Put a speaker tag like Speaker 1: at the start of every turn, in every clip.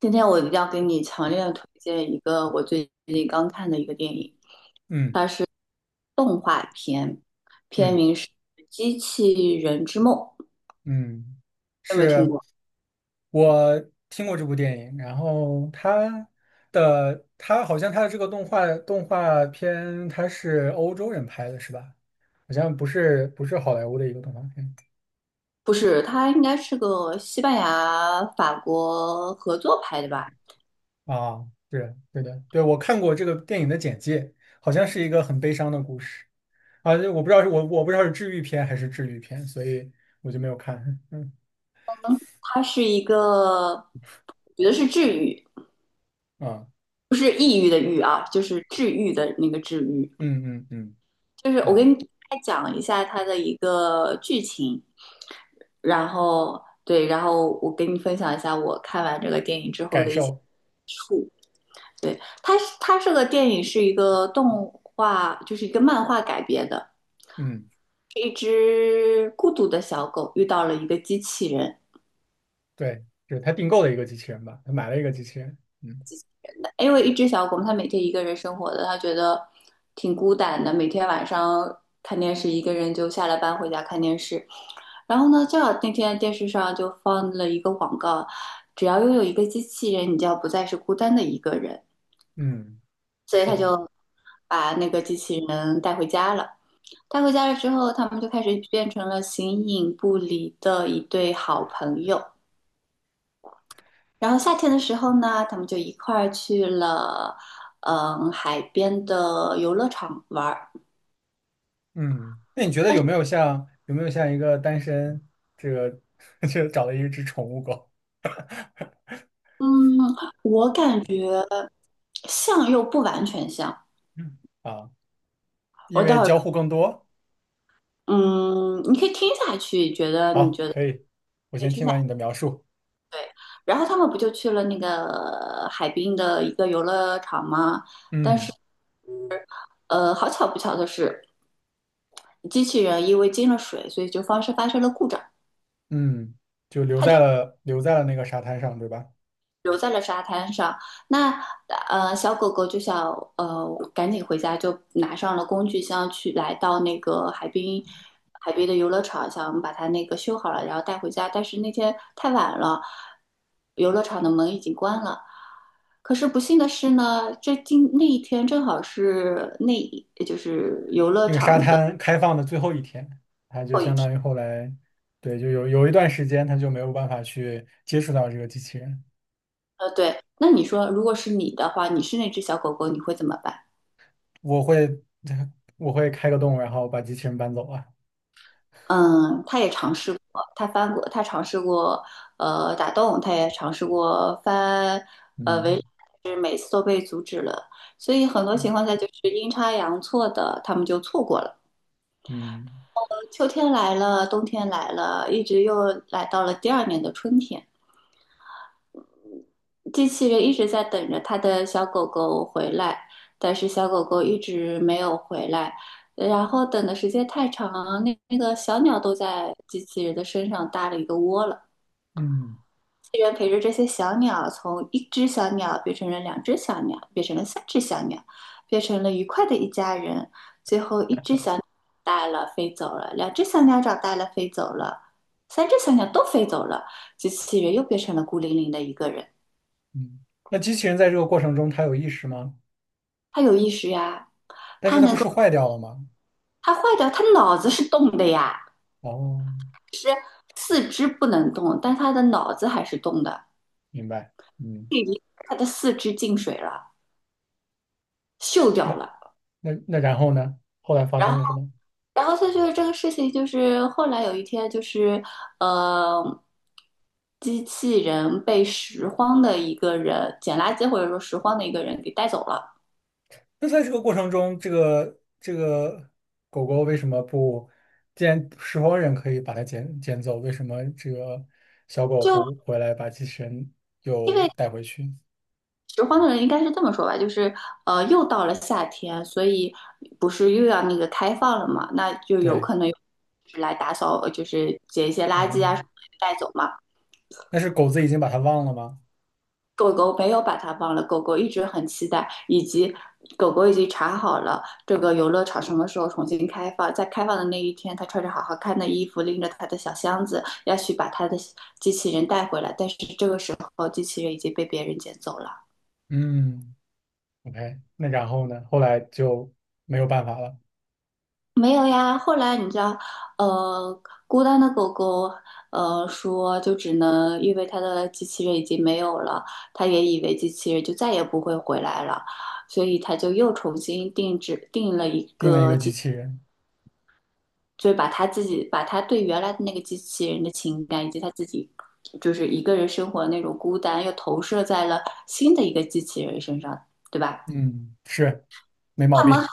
Speaker 1: 今天我要给你强烈的推荐一个我最近刚看的一个电影，
Speaker 2: 嗯
Speaker 1: 它是动画片，片
Speaker 2: 嗯
Speaker 1: 名是《机器人之梦》，
Speaker 2: 嗯，
Speaker 1: 有没有听
Speaker 2: 是，
Speaker 1: 过？
Speaker 2: 我听过这部电影，然后他好像他的这个动画片，他是欧洲人拍的，是吧？好像不是好莱坞的一个动画片。
Speaker 1: 不是，它应该是个西班牙、法国合作拍的吧？
Speaker 2: 啊，对对的。对，我看过这个电影的简介，好像是一个很悲伤的故事。啊，我不知道是治愈片还是治愈片，所以我就没有看，嗯
Speaker 1: 它是一个，我觉得是治愈，
Speaker 2: 啊。
Speaker 1: 不是抑郁的郁啊，就是治愈的那个治愈。
Speaker 2: 嗯嗯嗯
Speaker 1: 就是我给
Speaker 2: 啊，
Speaker 1: 你大概讲一下它的一个剧情。然后对，然后我给你分享一下我看完这个电影之后
Speaker 2: 感
Speaker 1: 的一些，
Speaker 2: 受。
Speaker 1: 对，它这个电影是一个动画，就是一个漫画改编的，
Speaker 2: 嗯。
Speaker 1: 是一只孤独的小狗遇到了一个机器人。
Speaker 2: 对，就是他订购的一个机器人吧，他买了一个机器人。嗯
Speaker 1: 因为一只小狗它每天一个人生活的，它觉得挺孤单的，每天晚上看电视，一个人就下了班回家看电视，然后呢，正好那天电视上就放了一个广告，只要拥有一个机器人，你就要不再是孤单的一个人。
Speaker 2: 嗯，
Speaker 1: 所以他
Speaker 2: 是。
Speaker 1: 就把那个机器人带回家了。带回家了之后，他们就开始变成了形影不离的一对好朋友。然后夏天的时候呢，他们就一块儿去了，嗯，海边的游乐场玩儿。
Speaker 2: 嗯，那你觉得有没有像一个单身这个 就找了一只宠物狗。
Speaker 1: 嗯，我感觉像又不完全像。
Speaker 2: 嗯啊？
Speaker 1: 我
Speaker 2: 因
Speaker 1: 待
Speaker 2: 为
Speaker 1: 会儿，
Speaker 2: 交互更多。
Speaker 1: 嗯，你可以听下去，觉得你
Speaker 2: 好，
Speaker 1: 觉得
Speaker 2: 可以，我
Speaker 1: 可以
Speaker 2: 先
Speaker 1: 听
Speaker 2: 听
Speaker 1: 下去。
Speaker 2: 完你的描述。
Speaker 1: 对，然后他们不就去了那个海滨的一个游乐场吗？
Speaker 2: 嗯。
Speaker 1: 好巧不巧的是，机器人因为进了水，所以就发生了故障，
Speaker 2: 嗯，就留
Speaker 1: 它就
Speaker 2: 在了留在了那个沙滩上，对吧？
Speaker 1: 留在了沙滩上。那小狗狗就想呃赶紧回家，就拿上了工具箱去来到那个海滨海边的游乐场，想把它那个修好了，然后带回家。但是那天太晚了，游乐场的门已经关了。可是不幸的是呢，这今那一天正好是那就是游乐
Speaker 2: 那个沙
Speaker 1: 场的。
Speaker 2: 滩开放的最后一天，他就相当于后来，对，就有一段时间他就没有办法去接触到这个机器人。
Speaker 1: 对，那你说，如果是你的话，你是那只小狗狗，你会怎么办？
Speaker 2: 我会 我会开个洞，然后把机器人搬走啊。
Speaker 1: 嗯，它也尝试过，它翻过，它尝试过，打洞，它也尝试过翻，
Speaker 2: 嗯
Speaker 1: 所以很多情况下就是阴差阳错的，他们就错过了。
Speaker 2: 嗯
Speaker 1: 秋天来了，冬天来了，一直又来到了第二年的春天。机器人一直在等着他的小狗狗回来，但是小狗狗一直没有回来。然后等的时间太长，那那个小鸟都在机器人的身上搭了一个窝了。
Speaker 2: 嗯
Speaker 1: 机器人陪着这些小鸟，从一只小鸟变成了两只小鸟，变成了三只小鸟，变成了愉快的一家人。最后，一只小鸟长大了飞走了，两只小鸟长大了飞走了，三只小鸟都飞走了，机器人又变成了孤零零的一个人。
Speaker 2: 嗯。那机器人在这个过程中，它有意识吗？
Speaker 1: 它有意识呀。
Speaker 2: 但是它不是坏掉了吗？
Speaker 1: 他坏掉，他脑子是动的呀，
Speaker 2: 哦，
Speaker 1: 是四肢不能动，但他的脑子还是动的。
Speaker 2: 明白。嗯，
Speaker 1: 他的四肢进水了，锈
Speaker 2: 那
Speaker 1: 掉了。
Speaker 2: 那然后呢？后来发生了什么？
Speaker 1: 然后他就是这个事情，就是后来有一天，就是呃，机器人被拾荒的一个人捡垃圾或者说拾荒的一个人给带走了，
Speaker 2: 那在这个过程中，这个狗狗为什么不？既然拾荒人可以把它捡走，为什么这个小狗不
Speaker 1: 就
Speaker 2: 回来把机器人
Speaker 1: 因
Speaker 2: 又
Speaker 1: 为
Speaker 2: 带回去？
Speaker 1: 拾荒的人应该是这么说吧，就是又到了夏天，所以不是又要那个开放了嘛？那就有
Speaker 2: 对
Speaker 1: 可能有就是来打扫，就是捡一些垃圾啊什
Speaker 2: 啊。
Speaker 1: 么的带走嘛。
Speaker 2: 那是狗子已经把它忘了吗？
Speaker 1: 狗狗没有把它忘了，狗狗一直很期待，以及狗狗已经查好了这个游乐场什么时候重新开放，在开放的那一天，它穿着好好看的衣服，拎着它的小箱子，要去把它的机器人带回来，但是这个时候机器人已经被别人捡走了。
Speaker 2: 嗯，OK，那然后呢？后来就没有办法了，
Speaker 1: 没有呀，后来你知道，孤单的狗狗，说就只能因为它的机器人已经没有了，它也以为机器人就再也不会回来了，所以它就又重新定制定了一
Speaker 2: 定了一
Speaker 1: 个
Speaker 2: 个机
Speaker 1: 机，
Speaker 2: 器人。
Speaker 1: 就是把它自己把它对原来的那个机器人的情感以及它自己就是一个人生活的那种孤单，又投射在了新的一个机器人身上，对吧？
Speaker 2: 嗯，是，没毛
Speaker 1: 他们
Speaker 2: 病。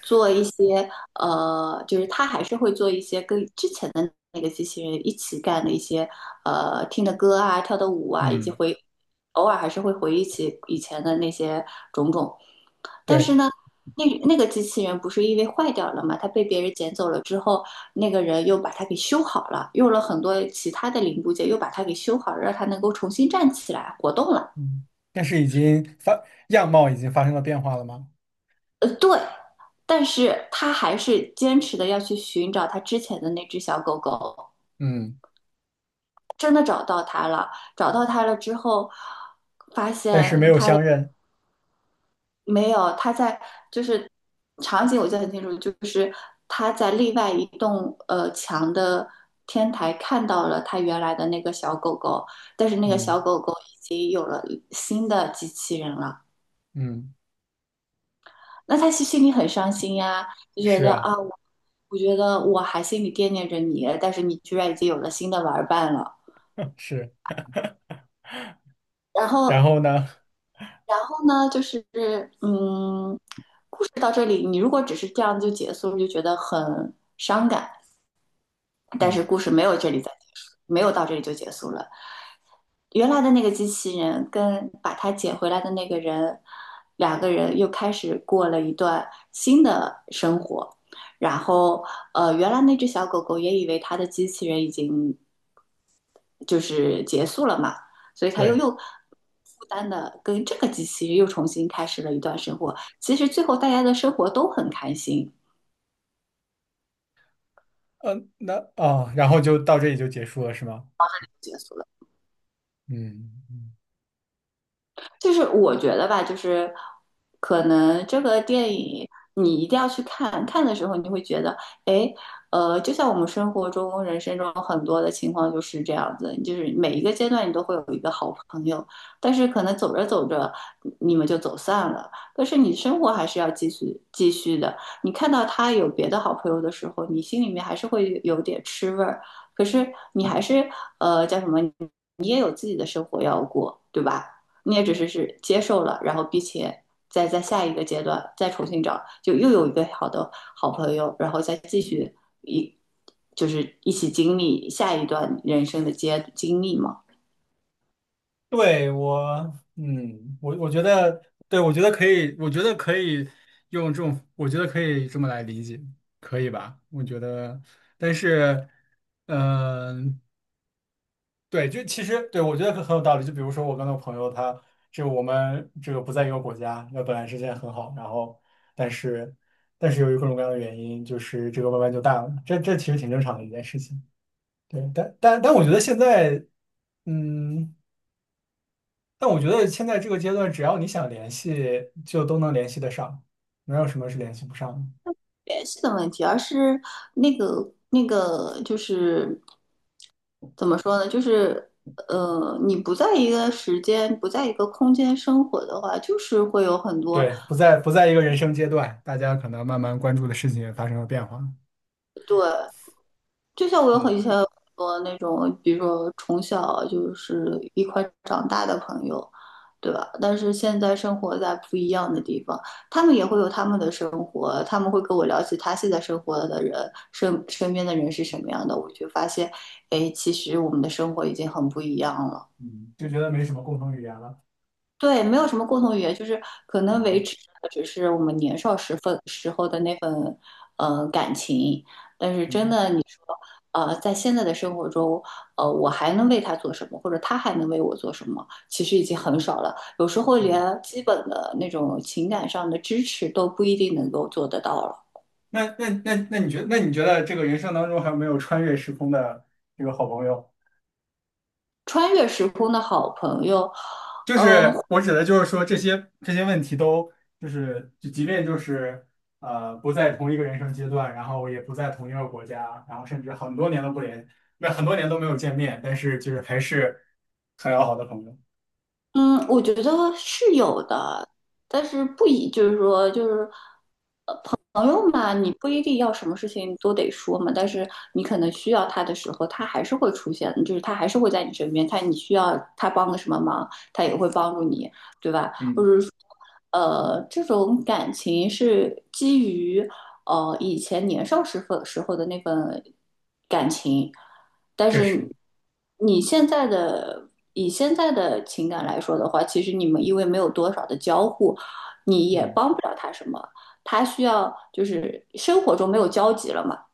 Speaker 1: 做一些呃，就是他还是会做一些跟之前的那个机器人一起干的一些听的歌啊、跳的舞啊，以及
Speaker 2: 嗯，
Speaker 1: 回偶尔还是会回忆起以前的那些种种。但是
Speaker 2: 对，
Speaker 1: 呢，那那个机器人不是因为坏掉了嘛，它被别人捡走了之后，那个人又把它给修好了，用了很多其他的零部件又把它给修好了，让它能够重新站起来活动了。
Speaker 2: 嗯，但是已经发，样貌已经发生了变化了吗？
Speaker 1: 对。但是他还是坚持的要去寻找他之前的那只小狗狗，
Speaker 2: 嗯，
Speaker 1: 真的找到他了，找到他了之后，发
Speaker 2: 但是没
Speaker 1: 现
Speaker 2: 有相认。
Speaker 1: 没有，他在就是场景我记得很清楚，就是他在另外一栋墙的天台看到了他原来的那个小狗狗，但是那个
Speaker 2: 嗯
Speaker 1: 小狗狗已经有了新的机器人了，
Speaker 2: 嗯，
Speaker 1: 那他心心里很伤心呀，就觉
Speaker 2: 是
Speaker 1: 得
Speaker 2: 啊。
Speaker 1: 啊，我我觉得我还心里惦念着你，但是你居然已经有了新的玩伴了。
Speaker 2: 是。
Speaker 1: 然
Speaker 2: 然
Speaker 1: 后
Speaker 2: 后呢？
Speaker 1: 然后呢，就是嗯，故事到这里，你如果只是这样就结束，就觉得很伤感。但是
Speaker 2: 嗯，
Speaker 1: 故事没有这里再结束，没有到这里就结束了。原来的那个机器人跟把它捡回来的那个人，两个人又开始过了一段新的生活。然后，原来那只小狗狗也以为它的机器人已经就是结束了嘛，所以他又
Speaker 2: 对，
Speaker 1: 又负担的跟这个机器又重新开始了一段生活。其实最后大家的生活都很开心，
Speaker 2: 嗯，那啊，然后就到这里就结束了，是吗？
Speaker 1: 结束了。
Speaker 2: 嗯。嗯，
Speaker 1: 就是我觉得吧，就是可能这个电影你一定要去看，看的时候你会觉得，哎，就像我们生活中、人生中很多的情况就是这样子，就是每一个阶段你都会有一个好朋友，但是可能走着走着你们就走散了，但是你生活还是要继续继续的。你看到他有别的好朋友的时候，你心里面还是会有点吃味儿，可是你还是叫什么，你也有自己的生活要过，对吧？你也只是是接受了，然后并且再在下一个阶段再重新找，就又有一个好的好朋友，然后再继续一就是一起经历下一段人生的阶经历嘛。
Speaker 2: 对我，嗯，我觉得，对，我觉得可以，我觉得可以用这种，我觉得可以这么来理解，可以吧？我觉得，但是，嗯、对，就其实对我觉得很有道理。就比如说我跟我朋友他，就我们这个不在一个国家，那本来之间很好，然后但是但是由于各种各样的原因，就是这个慢慢就淡了，这其实挺正常的一件事情。对，但我觉得现在，嗯。但我觉得现在这个阶段，只要你想联系，就都能联系得上，没有什么是联系不上的。
Speaker 1: 联系的问题，而是那个那个就是怎么说呢？就是你不在一个时间，不在一个空间生活的话，就是会有很多
Speaker 2: 对，不在一个人生阶段，大家可能慢慢关注的事情也发生了变化。
Speaker 1: 就像我有很以
Speaker 2: 嗯
Speaker 1: 前有很多那种，比如说从小就是一块长大的朋友，对吧？但是现在生活在不一样的地方，他们也会有他们的生活，他们会跟我聊起他现在生活的人身身边的人是什么样的，我就发现，哎，其实我们的生活已经很不一样了。
Speaker 2: 嗯，就觉得没什么共同语言了。
Speaker 1: 对，没有什么共同语言，就是可能维
Speaker 2: 嗯
Speaker 1: 持的只是我们年少时分时候的那份感情，但是真
Speaker 2: 嗯
Speaker 1: 的你说，在现在的生活中，我还能为他做什么，或者他还能为我做什么，其实已经很少了。有时候
Speaker 2: 嗯。
Speaker 1: 连基本的那种情感上的支持都不一定能够做得到了。
Speaker 2: 那你觉得，那你觉得这个人生当中还有没有穿越时空的这个好朋友？
Speaker 1: 穿越时空的好朋友，
Speaker 2: 就
Speaker 1: 嗯、
Speaker 2: 是我指的就是说这些问题都就是就即便就是不在同一个人生阶段，然后也不在同一个国家，然后甚至很多年都不联，那很多年都没有见面，但是就是还是很要好的朋友。
Speaker 1: 嗯，我觉得是有的，但是不以就是说就是。朋友嘛，你不一定要什么事情都得说嘛，但是你可能需要他的时候，他还是会出现，就是他还是会在你身边，他你需要他帮个什么忙，他也会帮助你，对吧？或
Speaker 2: 嗯，
Speaker 1: 者说，这种感情是基于以前年少时候时候的那份感情，但
Speaker 2: 确实。
Speaker 1: 是你现在的以现在的情感来说的话，其实你们因为没有多少的交互，你也
Speaker 2: 嗯。
Speaker 1: 帮不了他什么。他需要就是生活中没有交集了嘛。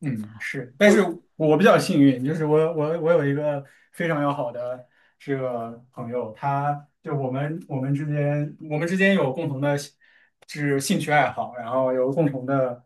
Speaker 2: 嗯，是，但是
Speaker 1: 我
Speaker 2: 我比较幸运，就是我有一个非常要好的这个朋友，他就我们之间有共同的兴趣爱好，然后有共同的，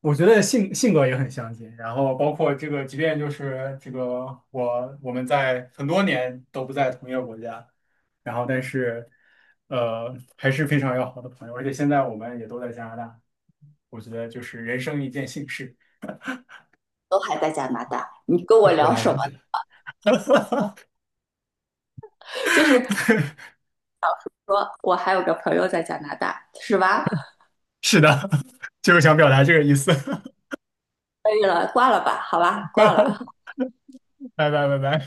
Speaker 2: 我觉得性格也很相近，然后包括这个，即便就是这个我们在很多年都不在同一个国家，然后但是还是非常要好的朋友，而且现在我们也都在加拿大，我觉得就是人生一件幸事。
Speaker 1: 都还在加拿大，你跟我
Speaker 2: 对，都
Speaker 1: 聊
Speaker 2: 还
Speaker 1: 什
Speaker 2: 在
Speaker 1: 么？
Speaker 2: 这里。
Speaker 1: 就是 说我还有个朋友在加拿大，是吧？
Speaker 2: 是的，就是想表达这个意思。
Speaker 1: 可以了，挂了吧，好吧，挂
Speaker 2: 拜
Speaker 1: 了。
Speaker 2: 拜拜拜。